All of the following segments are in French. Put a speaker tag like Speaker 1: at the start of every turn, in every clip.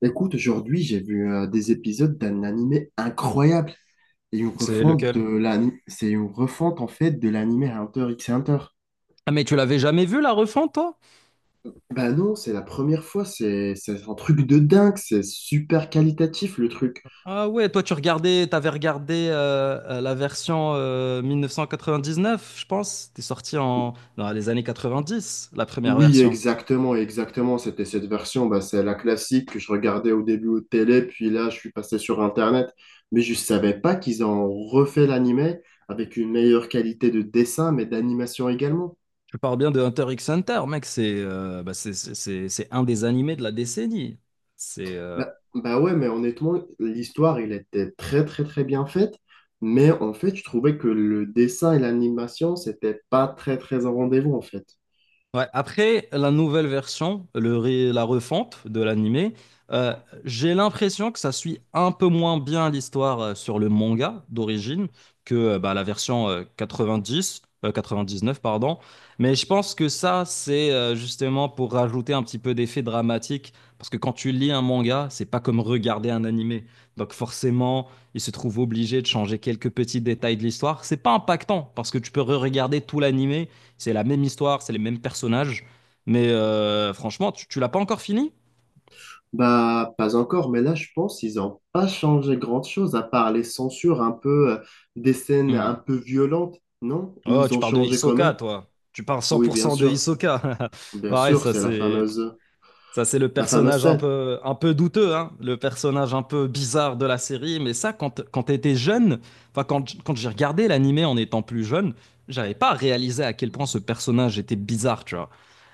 Speaker 1: Écoute, aujourd'hui, j'ai vu des épisodes d'un animé incroyable. Et une
Speaker 2: C'est
Speaker 1: refonte de
Speaker 2: lequel?
Speaker 1: c'est une refonte en fait de l'animé Hunter x Hunter.
Speaker 2: Ah, mais tu l'avais jamais vu la refonte, toi?
Speaker 1: Bah non, c'est la première fois, c'est un truc de dingue, c'est super qualitatif le truc.
Speaker 2: Ah ouais, toi tu regardais, t'avais regardé la version 1999, je pense. C'était sorti en dans les années 90, la première
Speaker 1: Oui,
Speaker 2: version.
Speaker 1: exactement, exactement, c'était cette version, bah, c'est la classique que je regardais au début au télé, puis là je suis passé sur Internet, mais je savais pas qu'ils ont refait l'animé avec une meilleure qualité de dessin, mais d'animation également.
Speaker 2: Je parle bien de Hunter x Hunter, mec. C'est c'est un des animés de la décennie. C'est
Speaker 1: Bah, bah ouais, mais honnêtement, l'histoire, elle était très, très, très bien faite. Mais en fait, je trouvais que le dessin et l'animation, c'était pas très, très en rendez-vous, en fait.
Speaker 2: Ouais, après la nouvelle version, la refonte de l'animé, euh, j'ai l'impression que ça suit un peu moins bien l'histoire sur le manga d'origine que la version 90, neuf pardon. Mais je pense que ça, c'est justement pour rajouter un petit peu d'effet dramatique, parce que quand tu lis un manga, c'est pas comme regarder un animé. Donc forcément, il se trouve obligé de changer quelques petits détails de l'histoire. C'est pas impactant, parce que tu peux re-regarder tout l'animé, c'est la même histoire, c'est les mêmes personnages. Mais franchement, tu l'as pas encore fini?
Speaker 1: Bah, pas encore, mais là, je pense qu'ils ont pas changé grand-chose, à part les censures un peu, des scènes
Speaker 2: Hmm.
Speaker 1: un peu violentes, non? Ou
Speaker 2: Oh,
Speaker 1: ils
Speaker 2: tu
Speaker 1: ont
Speaker 2: parles de
Speaker 1: changé quand
Speaker 2: Hisoka,
Speaker 1: même?
Speaker 2: toi. Tu parles
Speaker 1: Oui, bien
Speaker 2: 100% de
Speaker 1: sûr.
Speaker 2: Hisoka.
Speaker 1: Bien
Speaker 2: Ouais,
Speaker 1: sûr,
Speaker 2: ça
Speaker 1: c'est
Speaker 2: c'est. Ça, c'est le
Speaker 1: la fameuse
Speaker 2: personnage
Speaker 1: scène.
Speaker 2: un peu douteux, hein, le personnage un peu bizarre de la série. Mais ça, quand t'étais jeune, enfin, quand, quand j'ai regardé l'animé en étant plus jeune, j'avais pas réalisé à quel point ce personnage était bizarre, tu vois.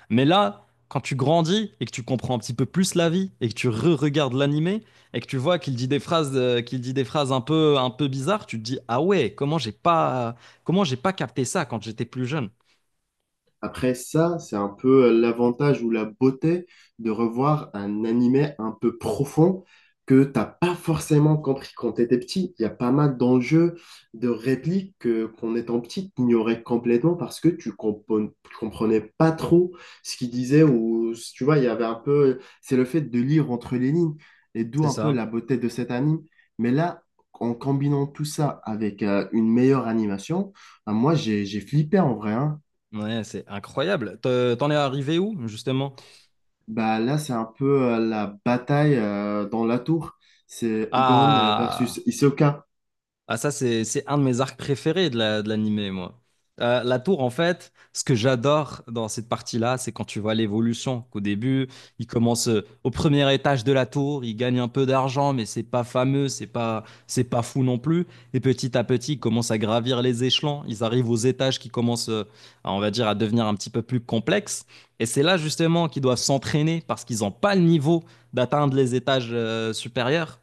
Speaker 2: Mais là, quand tu grandis et que tu comprends un petit peu plus la vie et que tu re-regardes l'animé et que tu vois qu'il dit des phrases, qu'il dit des phrases un peu bizarres, tu te dis, ah ouais, comment j'ai pas capté ça quand j'étais plus jeune?
Speaker 1: Après ça, c'est un peu l'avantage ou la beauté de revoir un animé un peu profond que t'as pas forcément compris quand t'étais petit. Il y a pas mal d'enjeux, de répliques que, qu'en étant petit, t'ignorais complètement parce que tu comprenais pas trop ce qu'il disait ou tu vois, il y avait un peu, c'est le fait de lire entre les lignes et d'où
Speaker 2: C'est
Speaker 1: un peu
Speaker 2: ça.
Speaker 1: la beauté de cet anime. Mais là, en combinant tout ça avec une meilleure animation, ah, moi j'ai flippé en vrai, hein.
Speaker 2: Ouais, c'est incroyable. T'en es arrivé où, justement?
Speaker 1: Bah là, c'est un peu la bataille dans la tour. C'est Gon versus
Speaker 2: Ah,
Speaker 1: Hisoka.
Speaker 2: ah ça c'est un de mes arcs préférés de la, de l'animé, moi. La tour, en fait, ce que j'adore dans cette partie-là, c'est quand tu vois l'évolution. Qu'au début, il commence au premier étage de la tour, il gagne un peu d'argent, mais c'est pas fameux, c'est pas fou non plus. Et petit à petit, ils commencent à gravir les échelons. Ils arrivent aux étages qui commencent, à, on va dire, à devenir un petit peu plus complexes. Et c'est là justement qu'ils doivent s'entraîner parce qu'ils n'ont pas le niveau d'atteindre les étages supérieurs.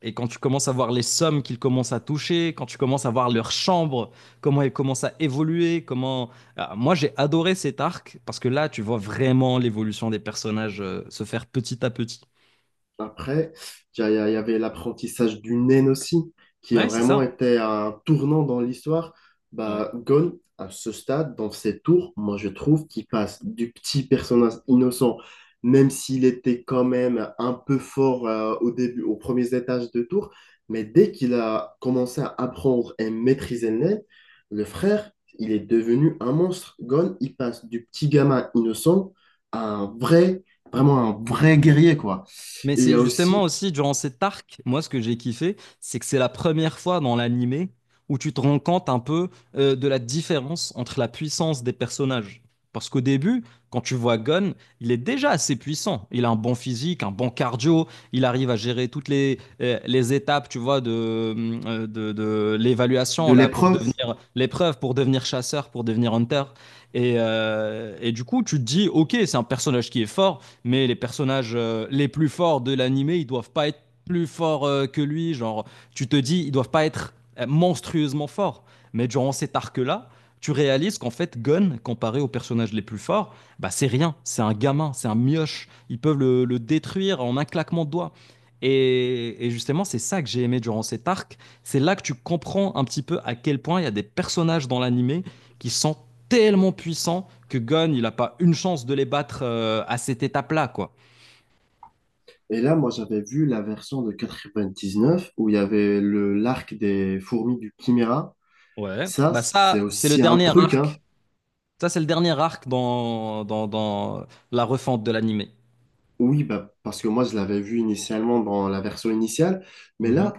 Speaker 2: Et quand tu commences à voir les sommes qu'ils commencent à toucher, quand tu commences à voir leur chambre, comment elles commencent à évoluer, comment... Ah, moi, j'ai adoré cet arc parce que là, tu vois vraiment l'évolution des personnages se faire petit à petit.
Speaker 1: Après, il y avait l'apprentissage du naine aussi, qui a
Speaker 2: Ouais, c'est
Speaker 1: vraiment
Speaker 2: ça.
Speaker 1: été un tournant dans l'histoire.
Speaker 2: Ouais.
Speaker 1: Bah, Gon, à ce stade, dans ses tours, moi je trouve qu'il passe du petit personnage innocent, même s'il était quand même un peu fort au début, aux premiers étages de tour, mais dès qu'il a commencé à apprendre et maîtriser le naine, le frère, il est devenu un monstre. Gon, il passe du petit gamin innocent à un vrai, vraiment un vrai guerrier, quoi.
Speaker 2: Mais
Speaker 1: Et il y
Speaker 2: c'est
Speaker 1: a
Speaker 2: justement
Speaker 1: aussi
Speaker 2: aussi durant cet arc, moi ce que j'ai kiffé, c'est que c'est la première fois dans l'animé où tu te rends compte un peu de la différence entre la puissance des personnages. Parce qu'au début, quand tu vois Gon, il est déjà assez puissant. Il a un bon physique, un bon cardio, il arrive à gérer toutes les étapes, tu vois, de
Speaker 1: de
Speaker 2: l'évaluation là pour
Speaker 1: l'épreuve.
Speaker 2: devenir l'épreuve, pour devenir chasseur, pour devenir hunter. Et du coup, tu te dis, ok, c'est un personnage qui est fort, mais les personnages les plus forts de l'animé, ils doivent pas être plus forts que lui. Genre, tu te dis, ils doivent pas être monstrueusement forts. Mais durant cet arc-là, tu réalises qu'en fait, Gon, comparé aux personnages les plus forts, bah, c'est rien. C'est un gamin, c'est un mioche. Ils peuvent le détruire en un claquement de doigts. Et justement, c'est ça que j'ai aimé durant cet arc. C'est là que tu comprends un petit peu à quel point il y a des personnages dans l'animé qui sont tellement puissants que Gunn, il n'a pas une chance de les battre à cette étape-là, quoi.
Speaker 1: Et là, moi, j'avais vu la version de 99 où il y avait le l'arc des fourmis du Chimera.
Speaker 2: Ouais.
Speaker 1: Ça,
Speaker 2: Bah
Speaker 1: c'est
Speaker 2: ça, c'est le
Speaker 1: aussi un
Speaker 2: dernier
Speaker 1: truc, hein.
Speaker 2: arc. Ça, c'est le dernier arc dans la refonte de l'anime.
Speaker 1: Oui, bah, parce que moi, je l'avais vu initialement dans la version initiale, mais là,
Speaker 2: Mhm.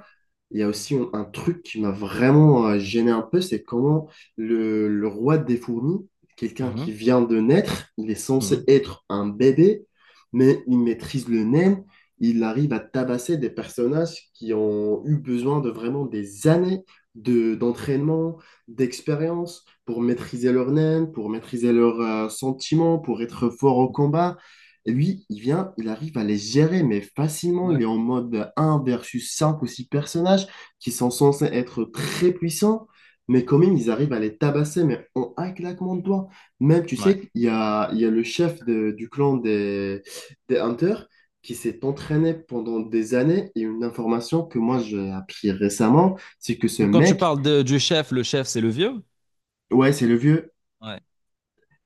Speaker 1: il y a aussi un truc qui m'a vraiment gêné un peu, c'est comment le roi des fourmis, quelqu'un
Speaker 2: Mhm.
Speaker 1: qui vient de naître, il est censé
Speaker 2: Mhm.
Speaker 1: être un bébé, mais il maîtrise le NEM, il arrive à tabasser des personnages qui ont eu besoin de vraiment des années d'entraînement, d'expérience pour maîtriser leur NEM, pour maîtriser leurs sentiments, pour être fort au combat lui, il vient, il arrive à les gérer, mais facilement. Il
Speaker 2: Ouais.
Speaker 1: est en mode un versus 5 ou 6 personnages qui sont censés être très puissants, mais quand même, ils arrivent à les tabasser, mais en un claquement de doigts. Même, tu
Speaker 2: Ouais.
Speaker 1: sais, il y a le du clan des Hunters qui s'est entraîné pendant des années. Et une information que moi, j'ai appris récemment, c'est que ce
Speaker 2: Quand tu
Speaker 1: mec,
Speaker 2: parles de- du chef, le chef, c'est le vieux.
Speaker 1: ouais, c'est le vieux,
Speaker 2: Ouais.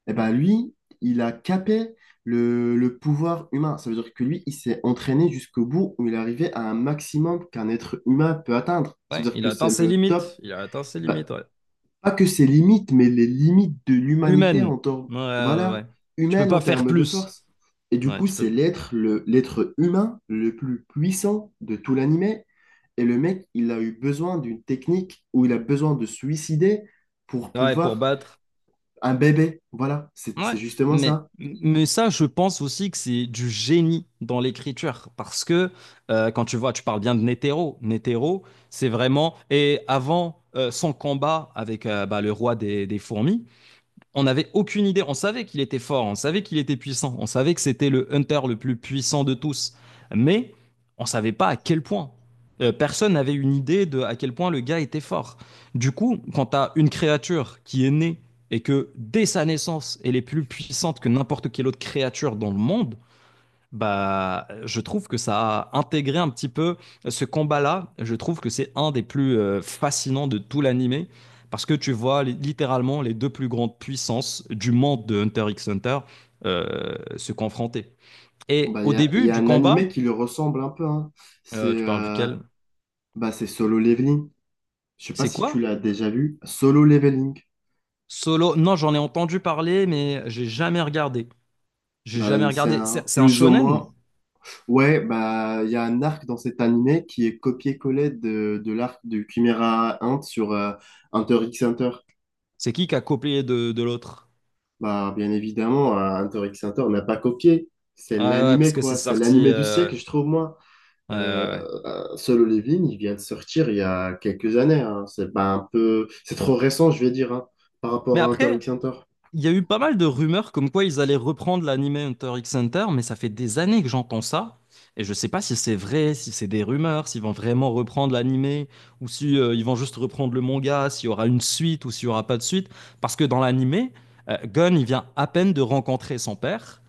Speaker 1: eh ben lui, il a capé le pouvoir humain. Ça veut dire que lui, il s'est entraîné jusqu'au bout où il est arrivé à un maximum qu'un être humain peut atteindre. Ça veut
Speaker 2: Ouais,
Speaker 1: dire
Speaker 2: il
Speaker 1: que
Speaker 2: a atteint
Speaker 1: c'est
Speaker 2: ses
Speaker 1: le top,
Speaker 2: limites. Il a atteint ses limites,
Speaker 1: bah,
Speaker 2: ouais.
Speaker 1: pas que ses limites, mais les limites de l'humanité
Speaker 2: Humaine.
Speaker 1: en termes,
Speaker 2: Ouais, ouais,
Speaker 1: voilà,
Speaker 2: ouais. Tu peux
Speaker 1: humaine en
Speaker 2: pas faire
Speaker 1: termes de
Speaker 2: plus.
Speaker 1: force. Et du
Speaker 2: Ouais,
Speaker 1: coup,
Speaker 2: tu
Speaker 1: c'est
Speaker 2: peux...
Speaker 1: l'être humain le plus puissant de tout l'animé. Et le mec, il a eu besoin d'une technique où il a besoin de suicider pour
Speaker 2: Ouais, pour
Speaker 1: pouvoir
Speaker 2: battre...
Speaker 1: un bébé. Voilà, c'est
Speaker 2: Ouais,
Speaker 1: c'est justement
Speaker 2: mais,
Speaker 1: ça.
Speaker 2: mais ça, je pense aussi que c'est du génie dans l'écriture. Parce que quand tu vois, tu parles bien de Netero. Netero, c'est vraiment. Et avant son combat avec le roi des fourmis, on n'avait aucune idée. On savait qu'il était fort, on savait qu'il était puissant, on savait que c'était le hunter le plus puissant de tous, mais on savait pas à quel point. Personne n'avait une idée de à quel point le gars était fort. Du coup, quand tu as une créature qui est née et que dès sa naissance, elle est plus puissante que n'importe quelle autre créature dans le monde, bah, je trouve que ça a intégré un petit peu ce combat-là. Je trouve que c'est un des plus fascinants de tout l'animé parce que tu vois littéralement les deux plus grandes puissances du monde de Hunter x Hunter se confronter. Et
Speaker 1: Bah,
Speaker 2: au
Speaker 1: y
Speaker 2: début
Speaker 1: a
Speaker 2: du
Speaker 1: un animé
Speaker 2: combat,
Speaker 1: qui lui ressemble un peu, hein. C'est
Speaker 2: tu parles duquel?
Speaker 1: bah, c'est Solo Leveling. Je sais pas
Speaker 2: C'est
Speaker 1: si tu
Speaker 2: quoi?
Speaker 1: l'as déjà vu. Solo Leveling.
Speaker 2: Solo? Non, j'en ai entendu parler, mais j'ai jamais regardé. J'ai jamais
Speaker 1: Bah, c'est
Speaker 2: regardé. C'est
Speaker 1: un
Speaker 2: c'est un
Speaker 1: plus ou
Speaker 2: shonen?
Speaker 1: moins. Ouais, bah il y a un arc dans cet animé qui est copié-collé de l'arc de Chimera Ant sur Hunter x Hunter.
Speaker 2: C'est qui a copié de l'autre?
Speaker 1: Bah bien évidemment, Hunter x Hunter n'a pas copié. C'est
Speaker 2: Ah ouais, parce
Speaker 1: l'animé
Speaker 2: que c'est
Speaker 1: quoi, c'est
Speaker 2: sorti.
Speaker 1: l'animé du siècle, je trouve moi.
Speaker 2: Ouais, ouais, ouais.
Speaker 1: Solo Leveling, il vient de sortir il y a quelques années. Hein. C'est pas un peu, c'est trop récent, je vais dire, hein, par
Speaker 2: Mais
Speaker 1: rapport à Hunter
Speaker 2: après.
Speaker 1: x Hunter.
Speaker 2: Il y a eu pas mal de rumeurs comme quoi ils allaient reprendre l'anime Hunter x Hunter, mais ça fait des années que j'entends ça. Et je sais pas si c'est vrai, si c'est des rumeurs, s'ils vont vraiment reprendre l'anime, ou si ils vont juste reprendre le manga, s'il y aura une suite ou s'il y aura pas de suite. Parce que dans l'anime, Gon, il vient à peine de rencontrer son père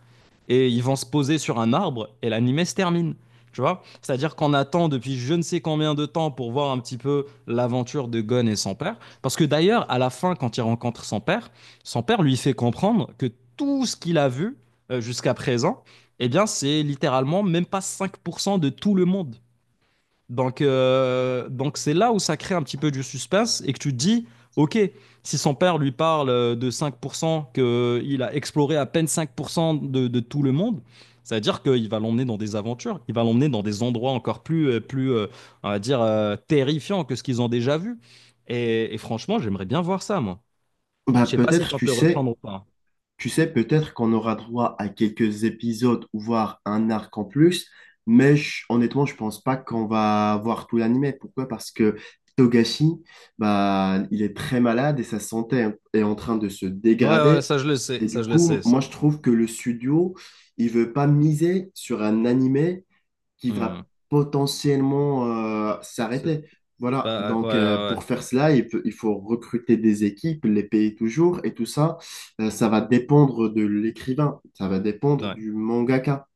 Speaker 2: et ils vont se poser sur un arbre et l'animé se termine. Tu vois. C'est-à-dire qu'on attend depuis je ne sais combien de temps pour voir un petit peu l'aventure de Gon et son père. Parce que d'ailleurs, à la fin, quand il rencontre son père lui fait comprendre que tout ce qu'il a vu jusqu'à présent, eh bien, c'est littéralement même pas 5% de tout le monde. Donc c'est là où ça crée un petit peu du suspense et que tu te dis, ok, si son père lui parle de 5%, qu'il a exploré à peine 5% de tout le monde, ça veut dire qu'il va l'emmener dans des aventures, il va l'emmener dans des endroits encore plus, plus on va dire, terrifiants que ce qu'ils ont déjà vu. Et franchement, j'aimerais bien voir ça, moi.
Speaker 1: Bah
Speaker 2: Je sais pas si
Speaker 1: peut-être,
Speaker 2: compte le reprendre ou pas.
Speaker 1: tu sais, peut-être qu'on aura droit à quelques épisodes ou voire un arc en plus, mais honnêtement, je pense pas qu'on va voir tout l'anime. Pourquoi? Parce que Togashi, bah, il est très malade et sa santé est en train de se
Speaker 2: Ouais, ouais,
Speaker 1: dégrader.
Speaker 2: ça je le sais,
Speaker 1: Et du
Speaker 2: ça je le
Speaker 1: coup,
Speaker 2: sais, ça.
Speaker 1: moi, je trouve que le studio, il veut pas miser sur un anime qui
Speaker 2: Hmm.
Speaker 1: va potentiellement
Speaker 2: C'est
Speaker 1: s'arrêter. Voilà,
Speaker 2: pas... Ouais,
Speaker 1: donc
Speaker 2: ouais,
Speaker 1: pour faire cela, il faut recruter des équipes, les payer toujours, et tout ça, ça va dépendre de l'écrivain, ça va dépendre
Speaker 2: ouais.
Speaker 1: du mangaka.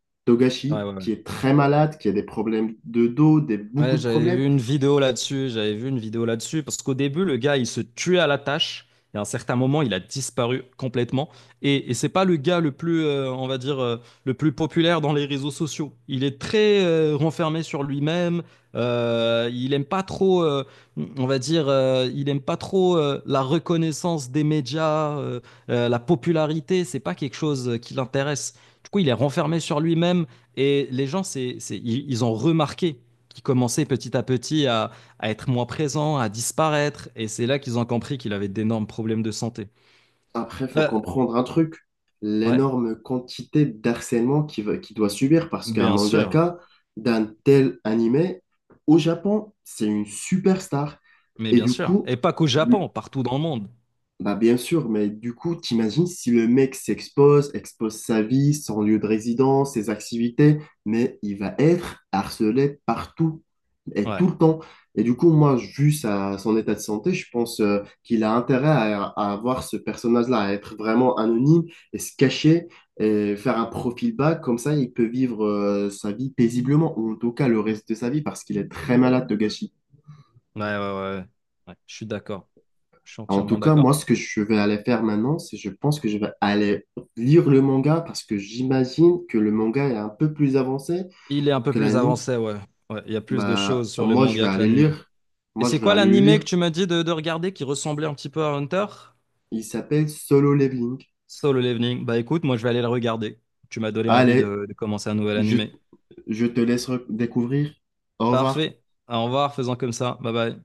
Speaker 2: Ouais,
Speaker 1: Togashi,
Speaker 2: ouais, ouais.
Speaker 1: qui est très malade, qui a des problèmes de dos, des, beaucoup
Speaker 2: Ouais,
Speaker 1: de
Speaker 2: j'avais
Speaker 1: problèmes.
Speaker 2: vu une vidéo là-dessus, j'avais vu une vidéo là-dessus, parce qu'au début, le gars, il se tuait à la tâche, et à un certain moment, il a disparu complètement. Et c'est pas le gars le plus, on va dire, le plus populaire dans les réseaux sociaux. Il est très renfermé sur lui-même, il aime pas trop, on va dire, il aime pas trop la reconnaissance des médias, la popularité, c'est pas quelque chose qui l'intéresse. Du coup, il est renfermé sur lui-même, et les gens, ils ont remarqué qui commençaient petit à petit à être moins présents, à disparaître. Et c'est là qu'ils ont compris qu'il avait d'énormes problèmes de santé.
Speaker 1: Après, il faut
Speaker 2: Euh,
Speaker 1: comprendre un truc,
Speaker 2: ouais,
Speaker 1: l'énorme quantité d'harcèlement qu'il doit subir, parce qu'un
Speaker 2: bien sûr.
Speaker 1: mangaka d'un tel animé, au Japon, c'est une superstar.
Speaker 2: Mais
Speaker 1: Et
Speaker 2: bien
Speaker 1: du
Speaker 2: sûr.
Speaker 1: coup,
Speaker 2: Et pas qu'au Japon, partout dans le monde.
Speaker 1: bah bien sûr, mais du coup, t'imagines si le mec s'expose, expose sa vie, son lieu de résidence, ses activités, mais il va être harcelé partout et
Speaker 2: Ouais,
Speaker 1: tout le temps. Et du coup, moi, vu sa, son état de santé, je pense qu'il a intérêt à avoir ce personnage-là, à être vraiment anonyme et se cacher et faire un profil bas. Comme ça, il peut vivre sa vie paisiblement, ou en tout cas le reste de sa vie, parce qu'il est très malade de gâchis.
Speaker 2: ouais, ouais, ouais. Ouais, je suis d'accord. Je suis
Speaker 1: En tout
Speaker 2: entièrement
Speaker 1: cas,
Speaker 2: d'accord.
Speaker 1: moi, ce que je vais aller faire maintenant, c'est je pense que je vais aller lire le manga parce que j'imagine que le manga est un peu plus avancé
Speaker 2: Il est un peu
Speaker 1: que
Speaker 2: plus
Speaker 1: l'anime.
Speaker 2: avancé, ouais. Ouais, il y a plus de
Speaker 1: Bah,
Speaker 2: choses sur le
Speaker 1: moi, je vais
Speaker 2: manga que
Speaker 1: aller
Speaker 2: l'anime.
Speaker 1: lire.
Speaker 2: Et
Speaker 1: Moi,
Speaker 2: c'est
Speaker 1: je vais
Speaker 2: quoi
Speaker 1: aller le
Speaker 2: l'anime que
Speaker 1: lire.
Speaker 2: tu m'as dit de regarder qui ressemblait un petit peu à Hunter?
Speaker 1: Il s'appelle Solo Leveling.
Speaker 2: Solo Leveling. Bah écoute, moi je vais aller le regarder. Tu m'as donné envie
Speaker 1: Allez,
Speaker 2: de commencer un nouvel
Speaker 1: je,
Speaker 2: animé.
Speaker 1: je te laisse découvrir. Au revoir.
Speaker 2: Parfait. Au revoir, faisant comme ça. Bye bye.